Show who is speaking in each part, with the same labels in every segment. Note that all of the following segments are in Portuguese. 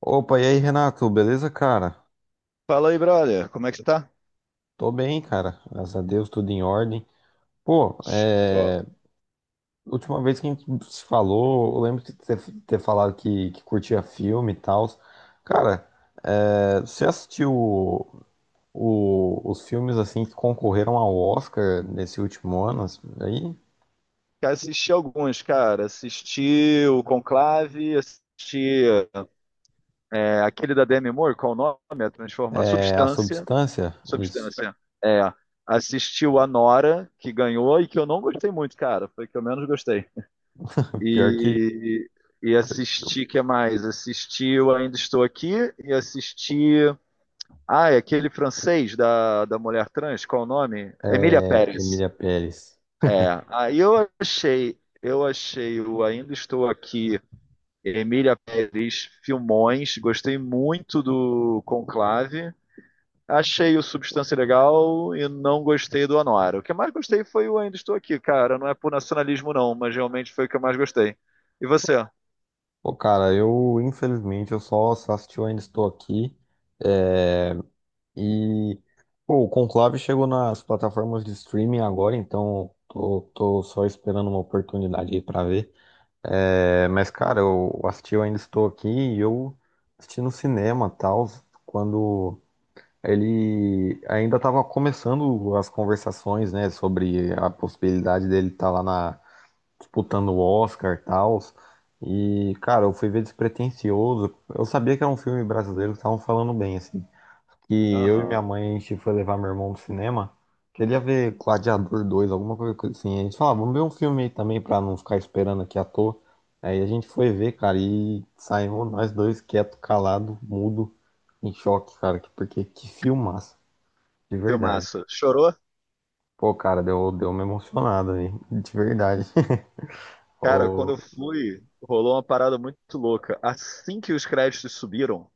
Speaker 1: Opa, e aí, Renato, beleza, cara?
Speaker 2: Fala aí, brother. Como é que você tá?
Speaker 1: Tô bem, cara. Graças a Deus, tudo em ordem. Pô,
Speaker 2: Bom,
Speaker 1: última vez que a gente se falou, eu lembro de ter, falado que curtia filme e tal. Cara, você assistiu os filmes assim que concorreram ao Oscar nesse último ano? Assim, aí,
Speaker 2: cara, assisti alguns, cara. Assisti o Conclave, assisti aquele da Demi Moore, qual o nome? A Transformar
Speaker 1: A
Speaker 2: Substância.
Speaker 1: Substância? Isso.
Speaker 2: Substância. É. Assisti o Anora, que ganhou e que eu não gostei muito, cara. Foi o que eu menos gostei.
Speaker 1: Pior que
Speaker 2: E, e assisti, que mais? Assisti o Ainda Estou Aqui e assisti. Ah, é aquele francês da mulher trans, qual o nome? Emília Pérez.
Speaker 1: Emília Pérez.
Speaker 2: É, aí eu achei o Ainda Estou Aqui, Emília Pérez, filmões, gostei muito do Conclave, achei o Substância legal e não gostei do Anora. O que eu mais gostei foi o Ainda Estou Aqui, cara, não é por nacionalismo não, mas realmente foi o que eu mais gostei. E você?
Speaker 1: Pô, cara, eu, infelizmente, eu só assisti o Ainda Estou Aqui. É. E pô, o Conclave chegou nas plataformas de streaming agora, então tô só esperando uma oportunidade aí pra ver. É, mas, cara, eu assisti, eu ainda estou aqui e eu assisti no cinema, tal, quando ele ainda estava começando as conversações, né, sobre a possibilidade dele estar lá na, disputando o Oscar, tal. E, cara, eu fui ver despretensioso. Eu sabia que era um filme brasileiro, estavam falando bem, assim que eu e minha
Speaker 2: Aham,
Speaker 1: mãe, a gente foi levar meu irmão pro cinema. Queria ver Gladiador dois alguma coisa assim. A gente falou, ah, vamos ver um filme aí também pra não ficar esperando aqui à toa. Aí a gente foi ver, cara, e saímos nós dois quieto, calado, mudo, em choque, cara, porque que filmaço, de verdade.
Speaker 2: filmaço. Chorou?
Speaker 1: Pô, cara, deu uma emocionada aí, de verdade.
Speaker 2: Cara, quando
Speaker 1: Ô,
Speaker 2: eu fui, rolou uma parada muito louca. Assim que os créditos subiram,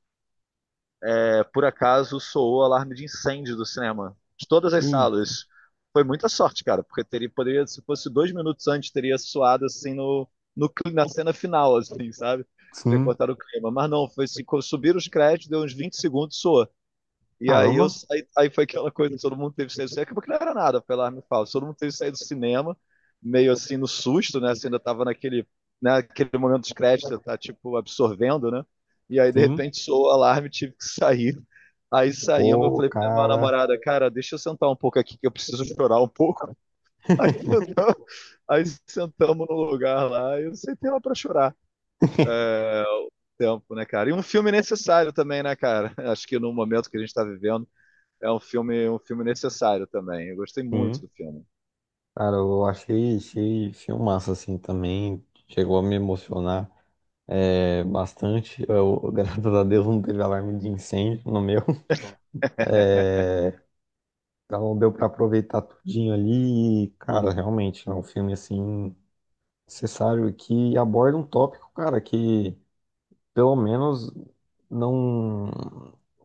Speaker 2: por acaso soou o alarme de incêndio do cinema, de todas as
Speaker 1: e
Speaker 2: salas. Foi muita sorte, cara, porque teria, poderia, se fosse 2 minutos antes, teria soado assim no, no, cli- na cena final, assim, sabe? Teria
Speaker 1: sim,
Speaker 2: cortado o clima. Mas não, foi assim, subiram os créditos, deu uns 20 segundos, soou. E aí eu
Speaker 1: caramba,
Speaker 2: saí, aí foi aquela coisa, que todo mundo teve saído do cinema, acabou que não era nada, pela arma e fala, todo mundo teve que sair do cinema, meio assim no susto, né? Você ainda tava naquele momento dos créditos você tá tipo absorvendo, né? E aí de
Speaker 1: sim,
Speaker 2: repente soou o alarme, tive que sair. Aí saímos, eu
Speaker 1: pô,
Speaker 2: falei pra minha
Speaker 1: cara,
Speaker 2: namorada, cara, deixa eu sentar um pouco aqui que eu preciso chorar um pouco. Aí sentamos, aí sentamos no lugar lá e eu sentei lá pra chorar. É, tempo, né, cara? E um filme necessário também, né, cara? Acho que no momento que a gente tá vivendo é um filme necessário também. Eu gostei muito
Speaker 1: sim.
Speaker 2: do filme.
Speaker 1: Cara, eu achei filmaço assim também. Chegou a me emocionar bastante. Eu, graças a Deus não teve alarme de incêndio no meu.
Speaker 2: Bom.
Speaker 1: É, então deu pra aproveitar tudinho ali. E, cara, realmente é um filme assim necessário que aborda um tópico, cara, que pelo menos não,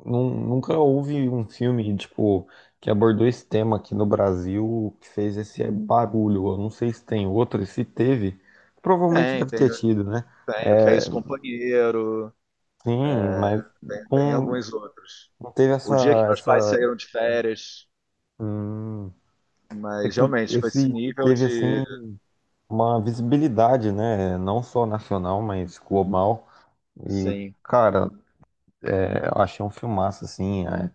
Speaker 1: não nunca houve um filme tipo que abordou esse tema aqui no Brasil que fez esse barulho. Eu não sei se tem outro, e se teve, provavelmente
Speaker 2: Tem,
Speaker 1: deve
Speaker 2: tem,
Speaker 1: ter tido, né?
Speaker 2: tem o que é isso, companheiro.
Speaker 1: Sim,
Speaker 2: É,
Speaker 1: mas
Speaker 2: tem
Speaker 1: não,
Speaker 2: alguns outros.
Speaker 1: não teve
Speaker 2: O dia que
Speaker 1: essa
Speaker 2: meus pais
Speaker 1: essa
Speaker 2: saíram de férias,
Speaker 1: hum,
Speaker 2: mas realmente com esse nível
Speaker 1: teve assim
Speaker 2: de,
Speaker 1: uma visibilidade, né? Não só nacional, mas global. E
Speaker 2: sim.
Speaker 1: cara, eu achei um filmaço assim.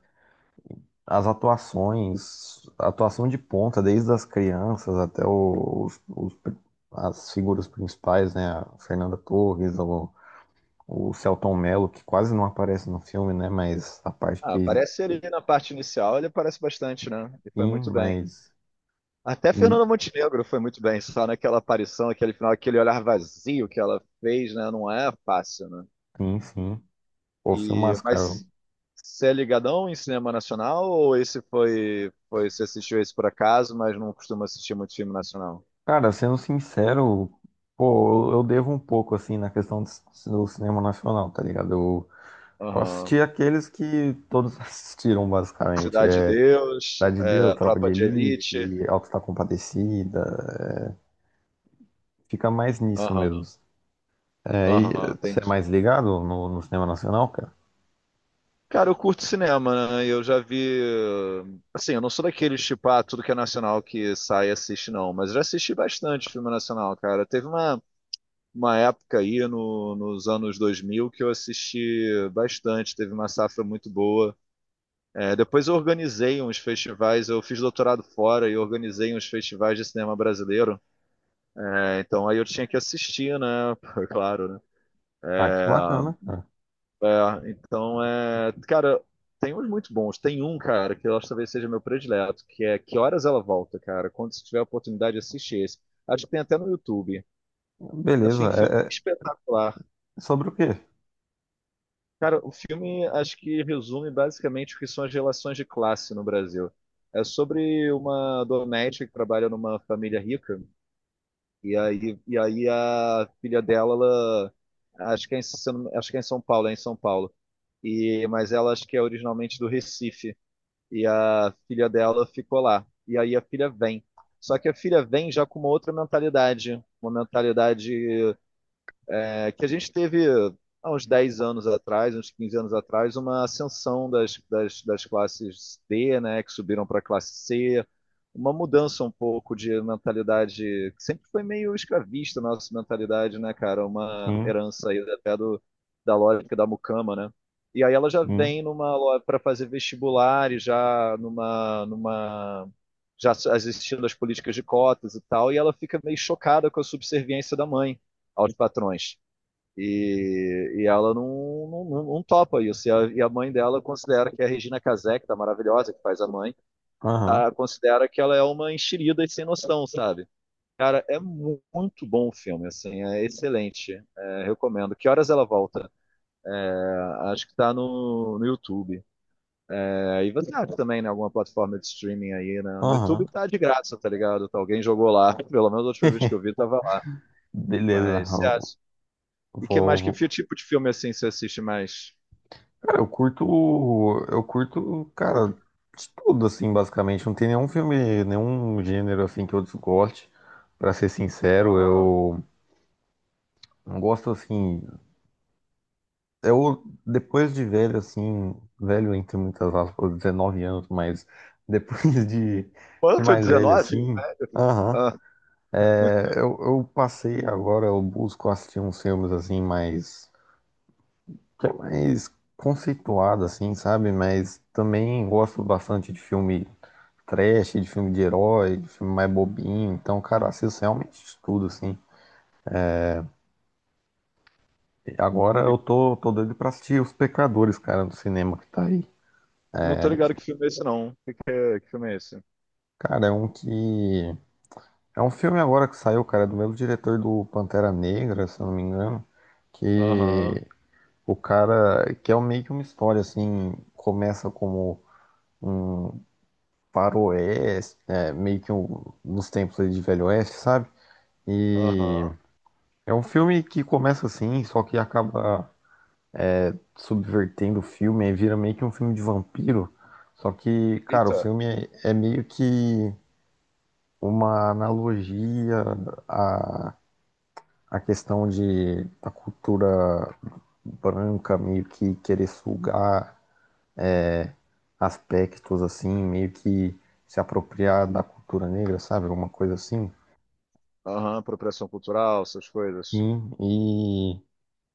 Speaker 1: As atuações, a atuação de ponta, desde as crianças até as figuras principais, né? A Fernanda Torres, o Selton Mello, que quase não aparece no filme, né? Mas a parte
Speaker 2: Ah,
Speaker 1: que
Speaker 2: aparece ele na parte inicial, ele aparece bastante, né? E foi
Speaker 1: sim,
Speaker 2: muito bem.
Speaker 1: mas.
Speaker 2: Até
Speaker 1: E,
Speaker 2: Fernanda Montenegro foi muito bem, só naquela aparição, aquele final, aquele olhar vazio que ela fez, né? Não é fácil, né?
Speaker 1: enfim, o
Speaker 2: E,
Speaker 1: filmaço, cara.
Speaker 2: mas você é ligadão em cinema nacional ou esse foi você assistiu esse por acaso, mas não costuma assistir muito filme nacional?
Speaker 1: Cara, sendo sincero, pô, eu devo um pouco, assim, na questão do cinema nacional, tá ligado? Eu
Speaker 2: Aham.
Speaker 1: assisti aqueles que todos assistiram, basicamente.
Speaker 2: Cidade de Deus,
Speaker 1: Cidade de Deus, Tropa
Speaker 2: Tropa
Speaker 1: de
Speaker 2: de Elite.
Speaker 1: Elite, Alto está Compadecida. Fica mais nisso mesmo.
Speaker 2: Aham,
Speaker 1: É, e
Speaker 2: aham,
Speaker 1: você é
Speaker 2: entendi.
Speaker 1: mais ligado no cinema nacional, cara?
Speaker 2: Cara, eu curto cinema, né? Eu já vi. Assim, eu não sou daqueles tipo, ah, tudo que é nacional que sai e assiste, não. Mas eu já assisti bastante filme nacional, cara. Teve uma época aí no, nos anos 2000 que eu assisti bastante. Teve uma safra muito boa. É, depois eu organizei uns festivais, eu fiz doutorado fora e organizei uns festivais de cinema brasileiro. É, então aí eu tinha que assistir, né? Claro, né?
Speaker 1: Ah, que bacana, cara.
Speaker 2: É, então, cara, tem uns muito bons. Tem um, cara, que eu acho que talvez seja meu predileto, que é Que Horas Ela Volta, cara. Quando você tiver a oportunidade, assiste esse. Acho que tem até no YouTube.
Speaker 1: Beleza.
Speaker 2: Assim, filme
Speaker 1: É,
Speaker 2: espetacular.
Speaker 1: é sobre o quê?
Speaker 2: Cara, o filme acho que resume basicamente o que são as relações de classe no Brasil. É sobre uma doméstica que trabalha numa família rica. E aí a filha dela, ela, acho que é em, se eu não- acho que é em São Paulo, é em São Paulo. E, mas ela acho que é originalmente do Recife. E a filha dela ficou lá. E aí a filha vem. Só que a filha vem já com uma outra mentalidade, uma mentalidade que a gente teve há uns 10 anos atrás, uns 15 anos atrás, uma ascensão das classes D, né, que subiram para a classe C, uma mudança um pouco de mentalidade, que sempre foi meio escravista a nossa mentalidade, né, cara? Uma
Speaker 1: Sim,
Speaker 2: herança aí até da lógica da mucama, né? E aí ela já
Speaker 1: sim.
Speaker 2: vem numa para fazer vestibular e já numa já existindo as políticas de cotas e tal, e ela fica meio chocada com a subserviência da mãe aos patrões. E ela topa isso. E a mãe dela considera que a Regina Casé, que tá maravilhosa, que faz a mãe,
Speaker 1: Aham,
Speaker 2: considera que ela é uma enxerida e sem noção, sabe? Cara, é muito bom o filme, assim, é excelente. É, recomendo. Que horas ela volta? Ah, acho que tá no YouTube. É, e você acha também, né, alguma plataforma de streaming aí, né? No
Speaker 1: aham.
Speaker 2: YouTube tá de graça, tá ligado? Tá, alguém jogou lá, pelo menos a última vez que eu vi tava lá.
Speaker 1: Beleza.
Speaker 2: Mas, você acha? E que
Speaker 1: Vou,
Speaker 2: mais, que
Speaker 1: vou-
Speaker 2: tipo de filme, assim, você assiste mais?
Speaker 1: Cara, eu curto. Eu curto, cara, de tudo, assim, basicamente. Não tem nenhum filme, nenhum gênero, assim, que eu desgoste. Pra ser sincero,
Speaker 2: Aham.
Speaker 1: eu não gosto, assim. Eu, depois de velho, assim, velho entre muitas aspas, 19 anos, mas depois de
Speaker 2: Quanto?
Speaker 1: mais velho,
Speaker 2: 19?
Speaker 1: assim, aham,
Speaker 2: Ah,
Speaker 1: eu passei agora, eu busco assistir uns filmes, assim, mais, que é mais conceituado, assim, sabe? Mas também gosto bastante de filme trash, de filme de herói, de filme mais bobinho, então, cara, eu assisto realmente de tudo, assim. E agora
Speaker 2: me-
Speaker 1: eu tô doido pra assistir Os Pecadores, cara, no cinema que tá aí.
Speaker 2: não tô ligado que filme é esse, não. Que filme é esse?
Speaker 1: Cara, é um que é um filme agora que saiu, cara, é do mesmo diretor do Pantera Negra, se eu não me engano,
Speaker 2: Aham,
Speaker 1: que o cara, que meio que uma história, assim, começa como um faroeste, é, meio que um, nos tempos aí de Velho Oeste, sabe?
Speaker 2: aham.
Speaker 1: E é um filme que começa assim, só que acaba subvertendo o filme, aí vira meio que um filme de vampiro, só que, cara, o
Speaker 2: Eita.
Speaker 1: filme é meio que uma analogia a a questão de a cultura branca meio que querer sugar é, aspectos assim, meio que se apropriar da cultura negra, sabe? Alguma coisa assim.
Speaker 2: Aham, apropriação cultural, essas coisas.
Speaker 1: Sim, e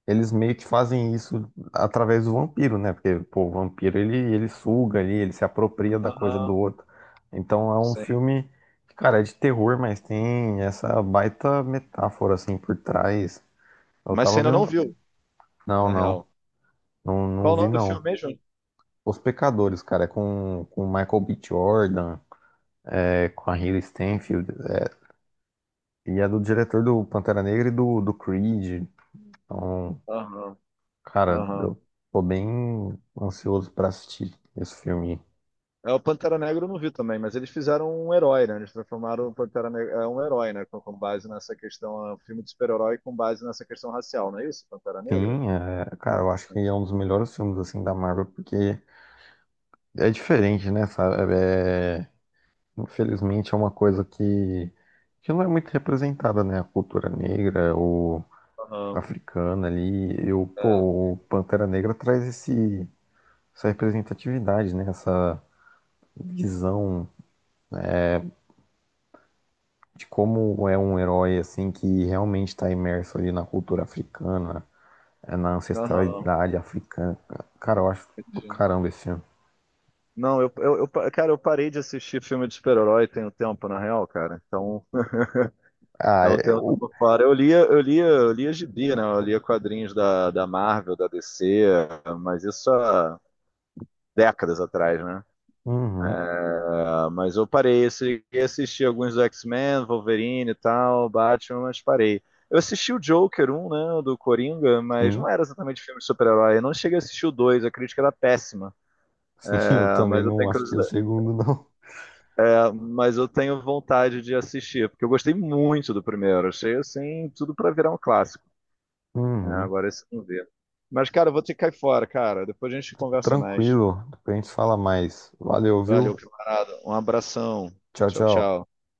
Speaker 1: eles meio que fazem isso através do vampiro, né? Porque, pô, o vampiro ele suga ali, ele se apropria da coisa do
Speaker 2: Aham,
Speaker 1: outro. Então é um
Speaker 2: sim.
Speaker 1: filme que, cara, é de terror, mas tem essa baita metáfora assim por trás. Eu
Speaker 2: Mas você
Speaker 1: tava
Speaker 2: ainda não
Speaker 1: vendo.
Speaker 2: viu,
Speaker 1: Não,
Speaker 2: na
Speaker 1: não,
Speaker 2: real.
Speaker 1: não, não
Speaker 2: Qual o
Speaker 1: vi
Speaker 2: nome do
Speaker 1: não.
Speaker 2: filme mesmo?
Speaker 1: Os Pecadores, cara, é com o Michael B. Jordan, é, com a Haley Stenfield, é, e é do diretor do Pantera Negra e do Creed. Então,
Speaker 2: Aham,
Speaker 1: cara,
Speaker 2: aham.
Speaker 1: eu tô bem ansioso pra assistir esse filme.
Speaker 2: É, o Pantera Negra eu não vi também, mas eles fizeram um herói, né? Eles transformaram o Pantera Negra é um herói, né? Com base nessa questão, é um filme de super-herói com base nessa questão racial, não é isso? Pantera Negra?
Speaker 1: Sim, é, cara, eu acho que é um dos melhores filmes, assim, da Marvel, porque é diferente, né, sabe? É, infelizmente é uma coisa que não é muito representada, né? A cultura negra, o
Speaker 2: Aham,
Speaker 1: africana ali. Eu,
Speaker 2: é.
Speaker 1: pô, o Pantera Negra traz esse essa representatividade, né? Essa visão de como é um herói assim que realmente está imerso ali na cultura africana, na
Speaker 2: Aham,
Speaker 1: ancestralidade africana. Cara, eu acho do
Speaker 2: entendi.
Speaker 1: caramba esse filme.
Speaker 2: Não, cara, eu parei de assistir filme de super-herói tem um tempo, na real, cara. Então,
Speaker 1: Ah,
Speaker 2: é um
Speaker 1: é
Speaker 2: tempo que eu
Speaker 1: o.
Speaker 2: tô fora. Eu lia gibi, né? Eu lia quadrinhos da Marvel, da DC, mas isso há décadas atrás, né?
Speaker 1: Uhum,
Speaker 2: É, mas eu parei, eu cheguei a assistir alguns do X-Men, Wolverine e tal, Batman, mas parei. Eu assisti o Joker um, né, do Coringa, mas não
Speaker 1: sim,
Speaker 2: era exatamente filme de super-herói. Eu não cheguei a assistir o 2, a crítica era péssima.
Speaker 1: sim, eu
Speaker 2: Ah,
Speaker 1: também
Speaker 2: mas eu
Speaker 1: não
Speaker 2: tenho
Speaker 1: assisti o
Speaker 2: curiosidade
Speaker 1: segundo, não.
Speaker 2: mas eu tenho vontade de assistir, porque eu gostei muito do primeiro. Achei assim, tudo pra virar um clássico. É,
Speaker 1: Uhum.
Speaker 2: agora esse não vê. Mas, cara, eu vou ter que cair fora, cara. Depois a gente conversa mais.
Speaker 1: Tranquilo, depois a gente fala mais. Valeu,
Speaker 2: Valeu,
Speaker 1: viu?
Speaker 2: camarada. Um abração.
Speaker 1: Tchau,
Speaker 2: Tchau,
Speaker 1: tchau.
Speaker 2: tchau.